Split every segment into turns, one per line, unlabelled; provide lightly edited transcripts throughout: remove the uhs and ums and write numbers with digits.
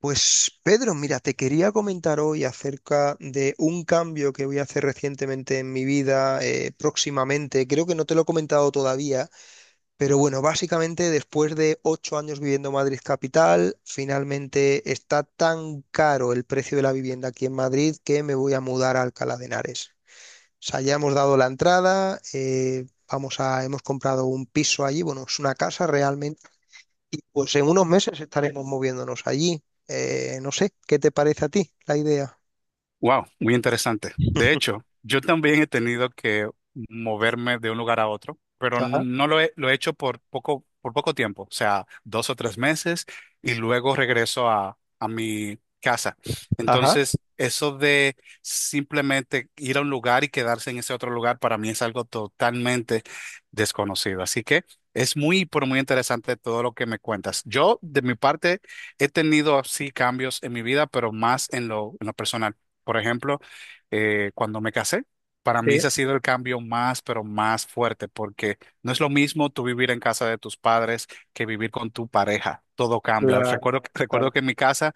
Pues Pedro, mira, te quería comentar hoy acerca de un cambio que voy a hacer recientemente en mi vida, próximamente. Creo que no te lo he comentado todavía, pero bueno, básicamente después de ocho años viviendo en Madrid capital, finalmente está tan caro el precio de la vivienda aquí en Madrid que me voy a mudar a Alcalá de Henares. O sea, ya hemos dado la entrada, vamos a, hemos comprado un piso allí, bueno, es una casa realmente y pues en unos meses estaremos moviéndonos allí. No sé, ¿qué te parece a ti la idea?
Wow, muy interesante. De hecho, yo también he tenido que moverme de un lugar a otro, pero
Ajá,
no lo he hecho por poco tiempo, o sea, dos o tres meses, y luego regreso a mi casa.
ajá,
Entonces, eso de simplemente ir a un lugar y quedarse en ese otro lugar para mí es algo totalmente desconocido. Así que es muy, pero muy interesante todo lo que me cuentas. Yo, de mi parte, he tenido así cambios en mi vida, pero más en lo personal. Por ejemplo, cuando me casé, para mí
sí,
ese ha sido el cambio más, pero más fuerte, porque no es lo mismo tú vivir en casa de tus padres que vivir con tu pareja. Todo cambia.
claro,
Recuerdo
claro,
que en mi casa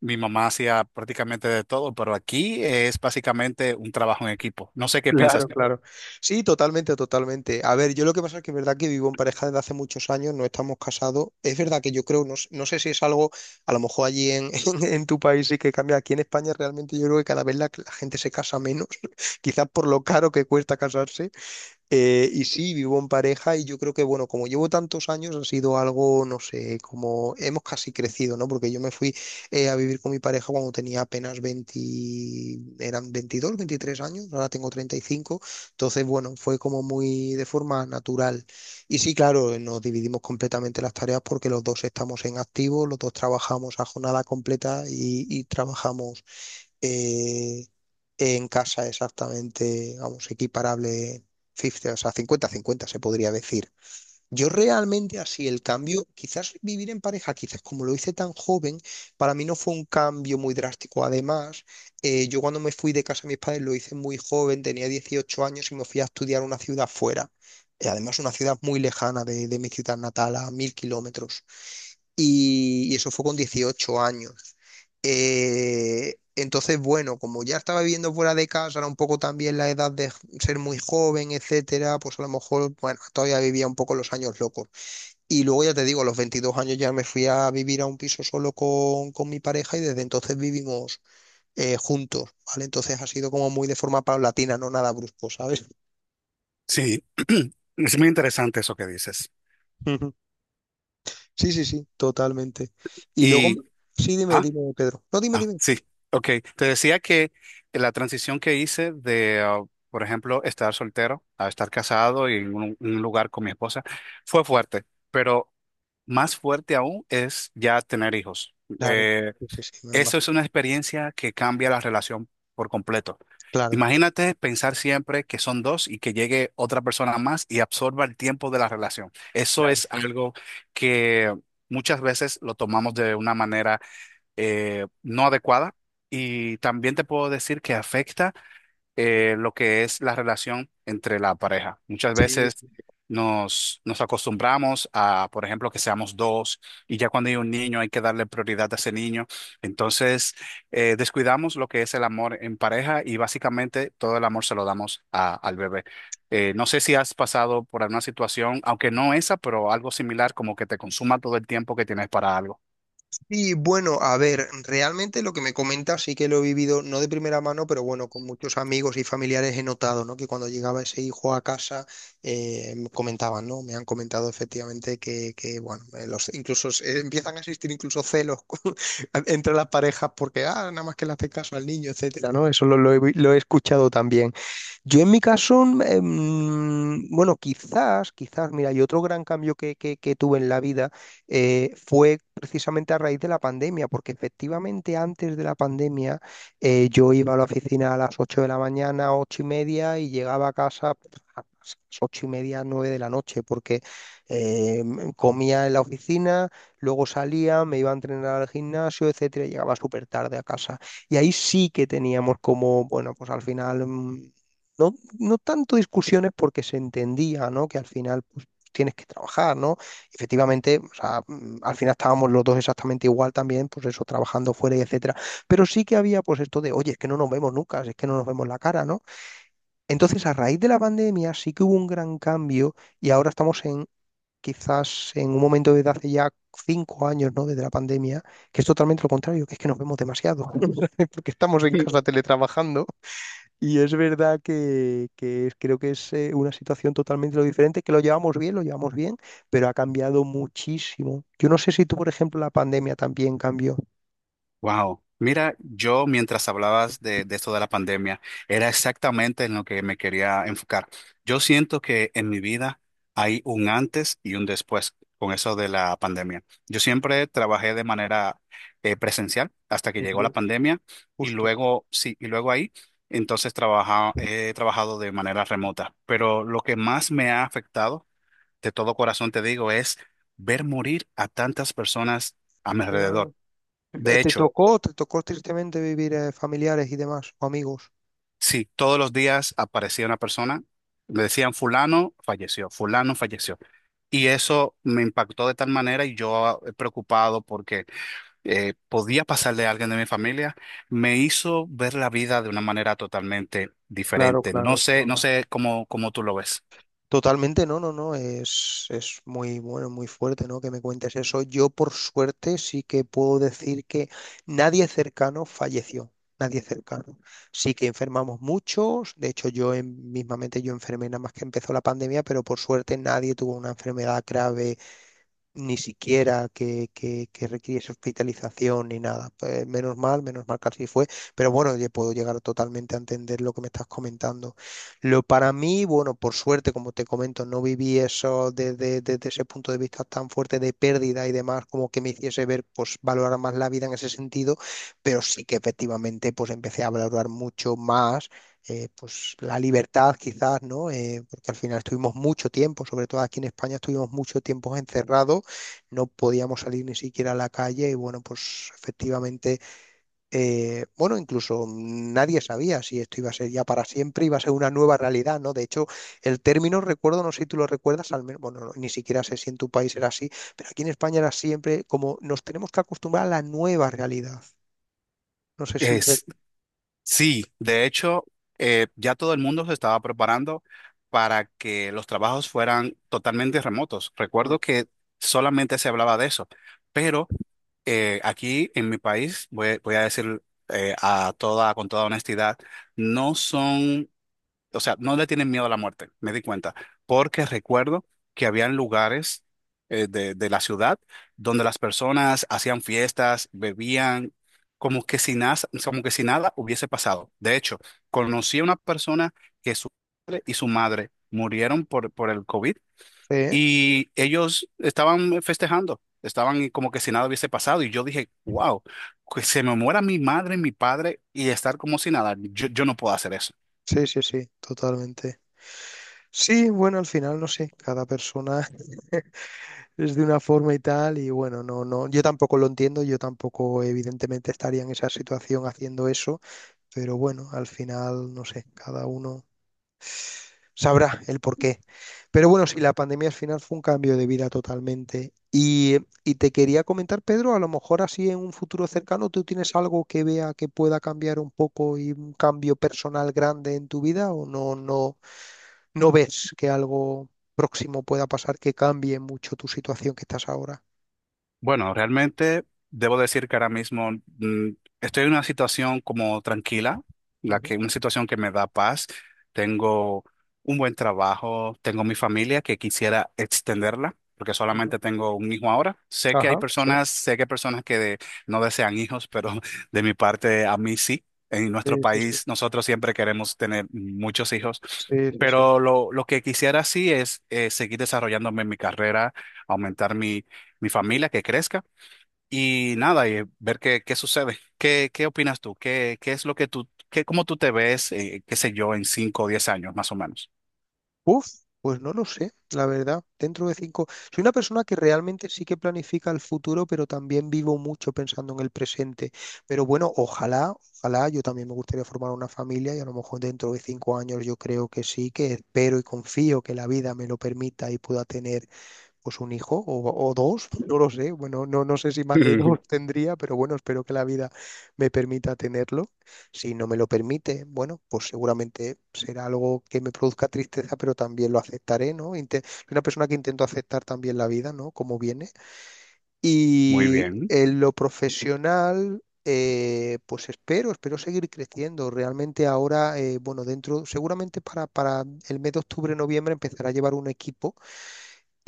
mi mamá hacía prácticamente de todo, pero aquí es básicamente un trabajo en equipo. No sé qué piensas.
claro, claro. Sí, totalmente, totalmente. A ver, yo lo que pasa es que es verdad que vivo en pareja desde hace muchos años, no estamos casados. Es verdad que yo creo, no, no sé si es algo, a lo mejor allí en, en tu país sí que cambia. Aquí en España realmente yo creo que cada vez la gente se casa menos, quizás por lo caro que cuesta casarse. Y sí, vivo en pareja y yo creo que, bueno, como llevo tantos años, ha sido algo, no sé, como hemos casi crecido, ¿no? Porque yo me fui a vivir con mi pareja cuando tenía apenas 20, eran 22 23 años, ahora tengo 35 entonces, bueno, fue como muy de forma natural. Y sí, claro, nos dividimos completamente las tareas porque los dos estamos en activo, los dos trabajamos a jornada completa y trabajamos eh, en casa exactamente, vamos, equiparable 50, o sea, 50-50 se podría decir. Yo realmente así el cambio, quizás vivir en pareja, quizás como lo hice tan joven, para mí no fue un cambio muy drástico. Además, yo cuando me fui de casa de mis padres lo hice muy joven, tenía 18 años y me fui a estudiar a una ciudad fuera. Además, una ciudad muy lejana de mi ciudad natal, a mil kilómetros y eso fue con 18 años. Entonces, bueno, como ya estaba viviendo fuera de casa, era un poco también la edad de ser muy joven, etcétera, pues a lo mejor, bueno, todavía vivía un poco los años locos. Y luego ya te digo, a los 22 años ya me fui a vivir a un piso solo con mi pareja y desde entonces vivimos juntos, ¿vale? Entonces ha sido como muy de forma paulatina, no nada brusco, ¿sabes?
Sí, es muy interesante eso que dices.
Ujú. Sí, sí, sí, totalmente. Y luego,
Y,
sí, dime,
ah,
dime, Pedro. No, dime,
Ah,
dime.
sí, ok. Te decía que la transición que hice de, por ejemplo, estar soltero a estar casado y en un lugar con mi esposa fue fuerte, pero más fuerte aún es ya tener hijos.
Claro.
Eh,
Sí, sí, sí, me lo.
Eso es una experiencia que cambia la relación por completo.
Claro,
Imagínate pensar siempre que son dos y que llegue otra persona más y absorba el tiempo de la relación. Eso
claro.
es algo que muchas veces lo tomamos de una manera no adecuada y también te puedo decir que afecta, lo que es la relación entre la pareja. Muchas
Sí,
veces
sí.
nos acostumbramos a, por ejemplo, que seamos dos y ya cuando hay un niño hay que darle prioridad a ese niño. Entonces, descuidamos lo que es el amor en pareja y básicamente todo el amor se lo damos al bebé. No sé si has pasado por alguna situación, aunque no esa, pero algo similar, como que te consuma todo el tiempo que tienes para algo.
Y bueno, a ver, realmente lo que me comentas sí que lo he vivido, no de primera mano, pero bueno, con muchos amigos y familiares he notado, ¿no? Que cuando llegaba ese hijo a casa, me comentaban, ¿no? Me han comentado efectivamente que bueno, los, incluso empiezan a existir incluso celos con- entre las parejas porque, ah, nada más que le hace caso al niño, etcétera, ¿no? Eso lo he escuchado también. Yo en mi caso, bueno, mira, y otro gran cambio que tuve en la vida fue precisamente a raíz de la pandemia, porque efectivamente antes de la pandemia yo iba a la oficina a las 8 de la mañana, ocho y media, y llegaba a casa a las ocho y media, 9 de la noche, porque comía en la oficina, luego salía, me iba a entrenar al gimnasio, etcétera, y llegaba súper tarde a casa. Y ahí sí que teníamos como, bueno, pues al final no, no tanto discusiones porque se entendía, ¿no? Que al final pues, tienes que trabajar, ¿no? Efectivamente, o sea, al final estábamos los dos exactamente igual también, pues eso, trabajando fuera y etcétera. Pero sí que había pues esto de, oye, es que no nos vemos nunca, es que no nos vemos la cara, ¿no? Entonces, a raíz de la pandemia sí que hubo un gran cambio y ahora estamos en quizás en un momento desde hace ya cinco años, ¿no? Desde la pandemia, que es totalmente lo contrario, que es que nos vemos demasiado, porque estamos en casa teletrabajando y es verdad que, creo que es una situación totalmente lo diferente, que lo llevamos bien, pero ha cambiado muchísimo. Yo no sé si tú, por ejemplo, la pandemia también cambió.
Wow. Mira, yo mientras hablabas de esto de la pandemia, era exactamente en lo que me quería enfocar. Yo siento que en mi vida hay un antes y un después con eso de la pandemia. Yo siempre trabajé de manera, presencial hasta que
Sí,
llegó la
sí.
pandemia y
Justo.
luego, sí, y luego ahí, entonces he trabajado de manera remota. Pero lo que más me ha afectado, de todo corazón te digo, es ver morir a tantas personas a mi alrededor.
Yo-
De
¿te
hecho,
tocó, te tocó tristemente vivir familiares y demás, o amigos?
sí, todos los días aparecía una persona, le decían fulano falleció, fulano falleció. Y eso me impactó de tal manera y yo, preocupado porque podía pasarle a alguien de mi familia, me hizo ver la vida de una manera totalmente
Claro,
diferente. No
claro, es
sé, no
normal.
sé cómo, cómo tú lo ves.
Totalmente, no, no, no, es muy bueno, muy fuerte, ¿no? Que me cuentes eso. Yo, por suerte, sí que puedo decir que nadie cercano falleció, nadie cercano. Sí que enfermamos muchos, de hecho, yo mismamente yo enfermé nada más que empezó la pandemia, pero por suerte nadie tuvo una enfermedad grave ni siquiera que requiriese hospitalización ni nada. Pues, menos mal que así fue, pero bueno, yo puedo llegar totalmente a entender lo que me estás comentando. Lo para mí, bueno, por suerte, como te comento, no viví eso desde ese punto de vista tan fuerte de pérdida y demás, como que me hiciese ver, pues valorar más la vida en ese sentido, pero sí que efectivamente, pues empecé a valorar mucho más pues la libertad quizás, ¿no? Porque al final estuvimos mucho tiempo, sobre todo aquí en España, estuvimos mucho tiempo encerrados, no podíamos salir ni siquiera a la calle y bueno, pues efectivamente, bueno, incluso nadie sabía si esto iba a ser ya para siempre, iba a ser una nueva realidad, ¿no? De hecho, el término, recuerdo, no sé si tú lo recuerdas, al menos, bueno, no, ni siquiera sé si en tu país era así, pero aquí en España era siempre como nos tenemos que acostumbrar a la nueva realidad. No sé si re-.
Es, sí, de hecho, ya todo el mundo se estaba preparando para que los trabajos fueran totalmente remotos.
Mm.
Recuerdo que solamente se hablaba de eso, pero... aquí en mi país, voy a decir, a toda, con toda honestidad, no son, o sea, no le tienen miedo a la muerte, me di cuenta, porque recuerdo que habían lugares, de la ciudad, donde las personas hacían fiestas, bebían, como que si nada, como que si nada hubiese pasado. De hecho, conocí a una persona que su padre y su madre murieron por el COVID
¿Eh?
y ellos estaban festejando, estaban como que si nada hubiese pasado. Y yo dije, wow, que se me muera mi madre, mi padre y estar como si nada. Yo no puedo hacer eso.
Sí, sí, sí, totalmente. Sí, bueno, al final, no sé, cada persona, es de una forma y tal, y bueno, no, no, yo tampoco lo entiendo, yo tampoco evidentemente estaría en esa situación haciendo eso, pero bueno, al final, no sé, cada uno sabrá el porqué. Pero bueno, sí, la pandemia al final fue un cambio de vida totalmente. Y te quería comentar, Pedro, a lo mejor así en un futuro cercano, ¿tú tienes algo que vea que pueda cambiar un poco y un cambio personal grande en tu vida o no, no, no ves que algo próximo pueda pasar que cambie mucho tu situación que estás ahora?
Bueno, realmente debo decir que ahora mismo, mm, estoy en una situación como tranquila, la
Mm.
que una situación que me da paz. Tengo un buen trabajo, tengo mi familia que quisiera extenderla, porque
Ujú.
solamente tengo un hijo ahora.
Ajá, sí,
Sé que hay personas que no desean hijos, pero de mi parte a mí sí. En
sí,
nuestro
sí, sí,
país nosotros siempre queremos tener muchos hijos,
sí, sí, sí.
pero lo que quisiera sí es, seguir desarrollándome en mi carrera, aumentar mi familia, que crezca y nada, y ver qué, qué sucede. ¿Qué opinas tú? ¿Qué es lo que tú, qué, cómo tú te ves, qué sé yo, en 5 o 10 años, más o menos?
Uf, pues no lo sé, la verdad. Dentro de cinco. Soy una persona que realmente sí que planifica el futuro, pero también vivo mucho pensando en el presente. Pero bueno, ojalá, ojalá, yo también me gustaría formar una familia y a lo mejor dentro de cinco años yo creo que sí, que espero y confío que la vida me lo permita y pueda tener pues un hijo o dos, no lo sé. Bueno, no, no sé si más de dos tendría, pero bueno, espero que la vida me permita tenerlo. Si no me lo permite, bueno, pues seguramente será algo que me produzca tristeza, pero también lo aceptaré, ¿no? Soy una persona que intento aceptar también la vida, ¿no? Como viene.
Muy
Y
bien,
en lo profesional, pues espero seguir creciendo. Realmente ahora, bueno, dentro, seguramente para el mes de octubre, noviembre empezará a llevar un equipo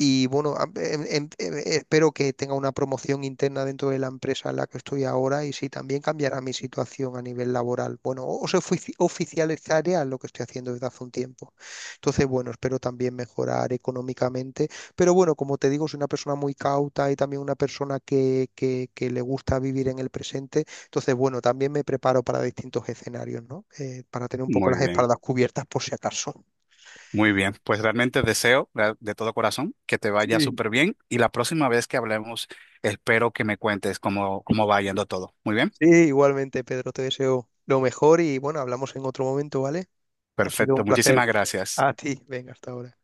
y bueno, espero que tenga una promoción interna dentro de la empresa en la que estoy ahora y si también cambiará mi situación a nivel laboral. Bueno, o oficializaría lo que estoy haciendo desde hace un tiempo. Entonces, bueno, espero también mejorar económicamente. Pero bueno, como te digo, soy una persona muy cauta y también una persona que le gusta vivir en el presente. Entonces, bueno, también me preparo para distintos escenarios, ¿no? Para tener un poco
muy
las
bien,
espaldas cubiertas por si acaso.
muy bien. Pues realmente deseo de todo corazón que te vaya
Sí,
súper bien y la próxima vez que hablemos, espero que me cuentes cómo, cómo va yendo todo. Muy bien,
sí, igualmente, Pedro, te deseo lo mejor y bueno, hablamos en otro momento, ¿vale? Ha sido
perfecto.
un
Muchísimas
placer.
gracias.
A ti, venga, hasta ahora.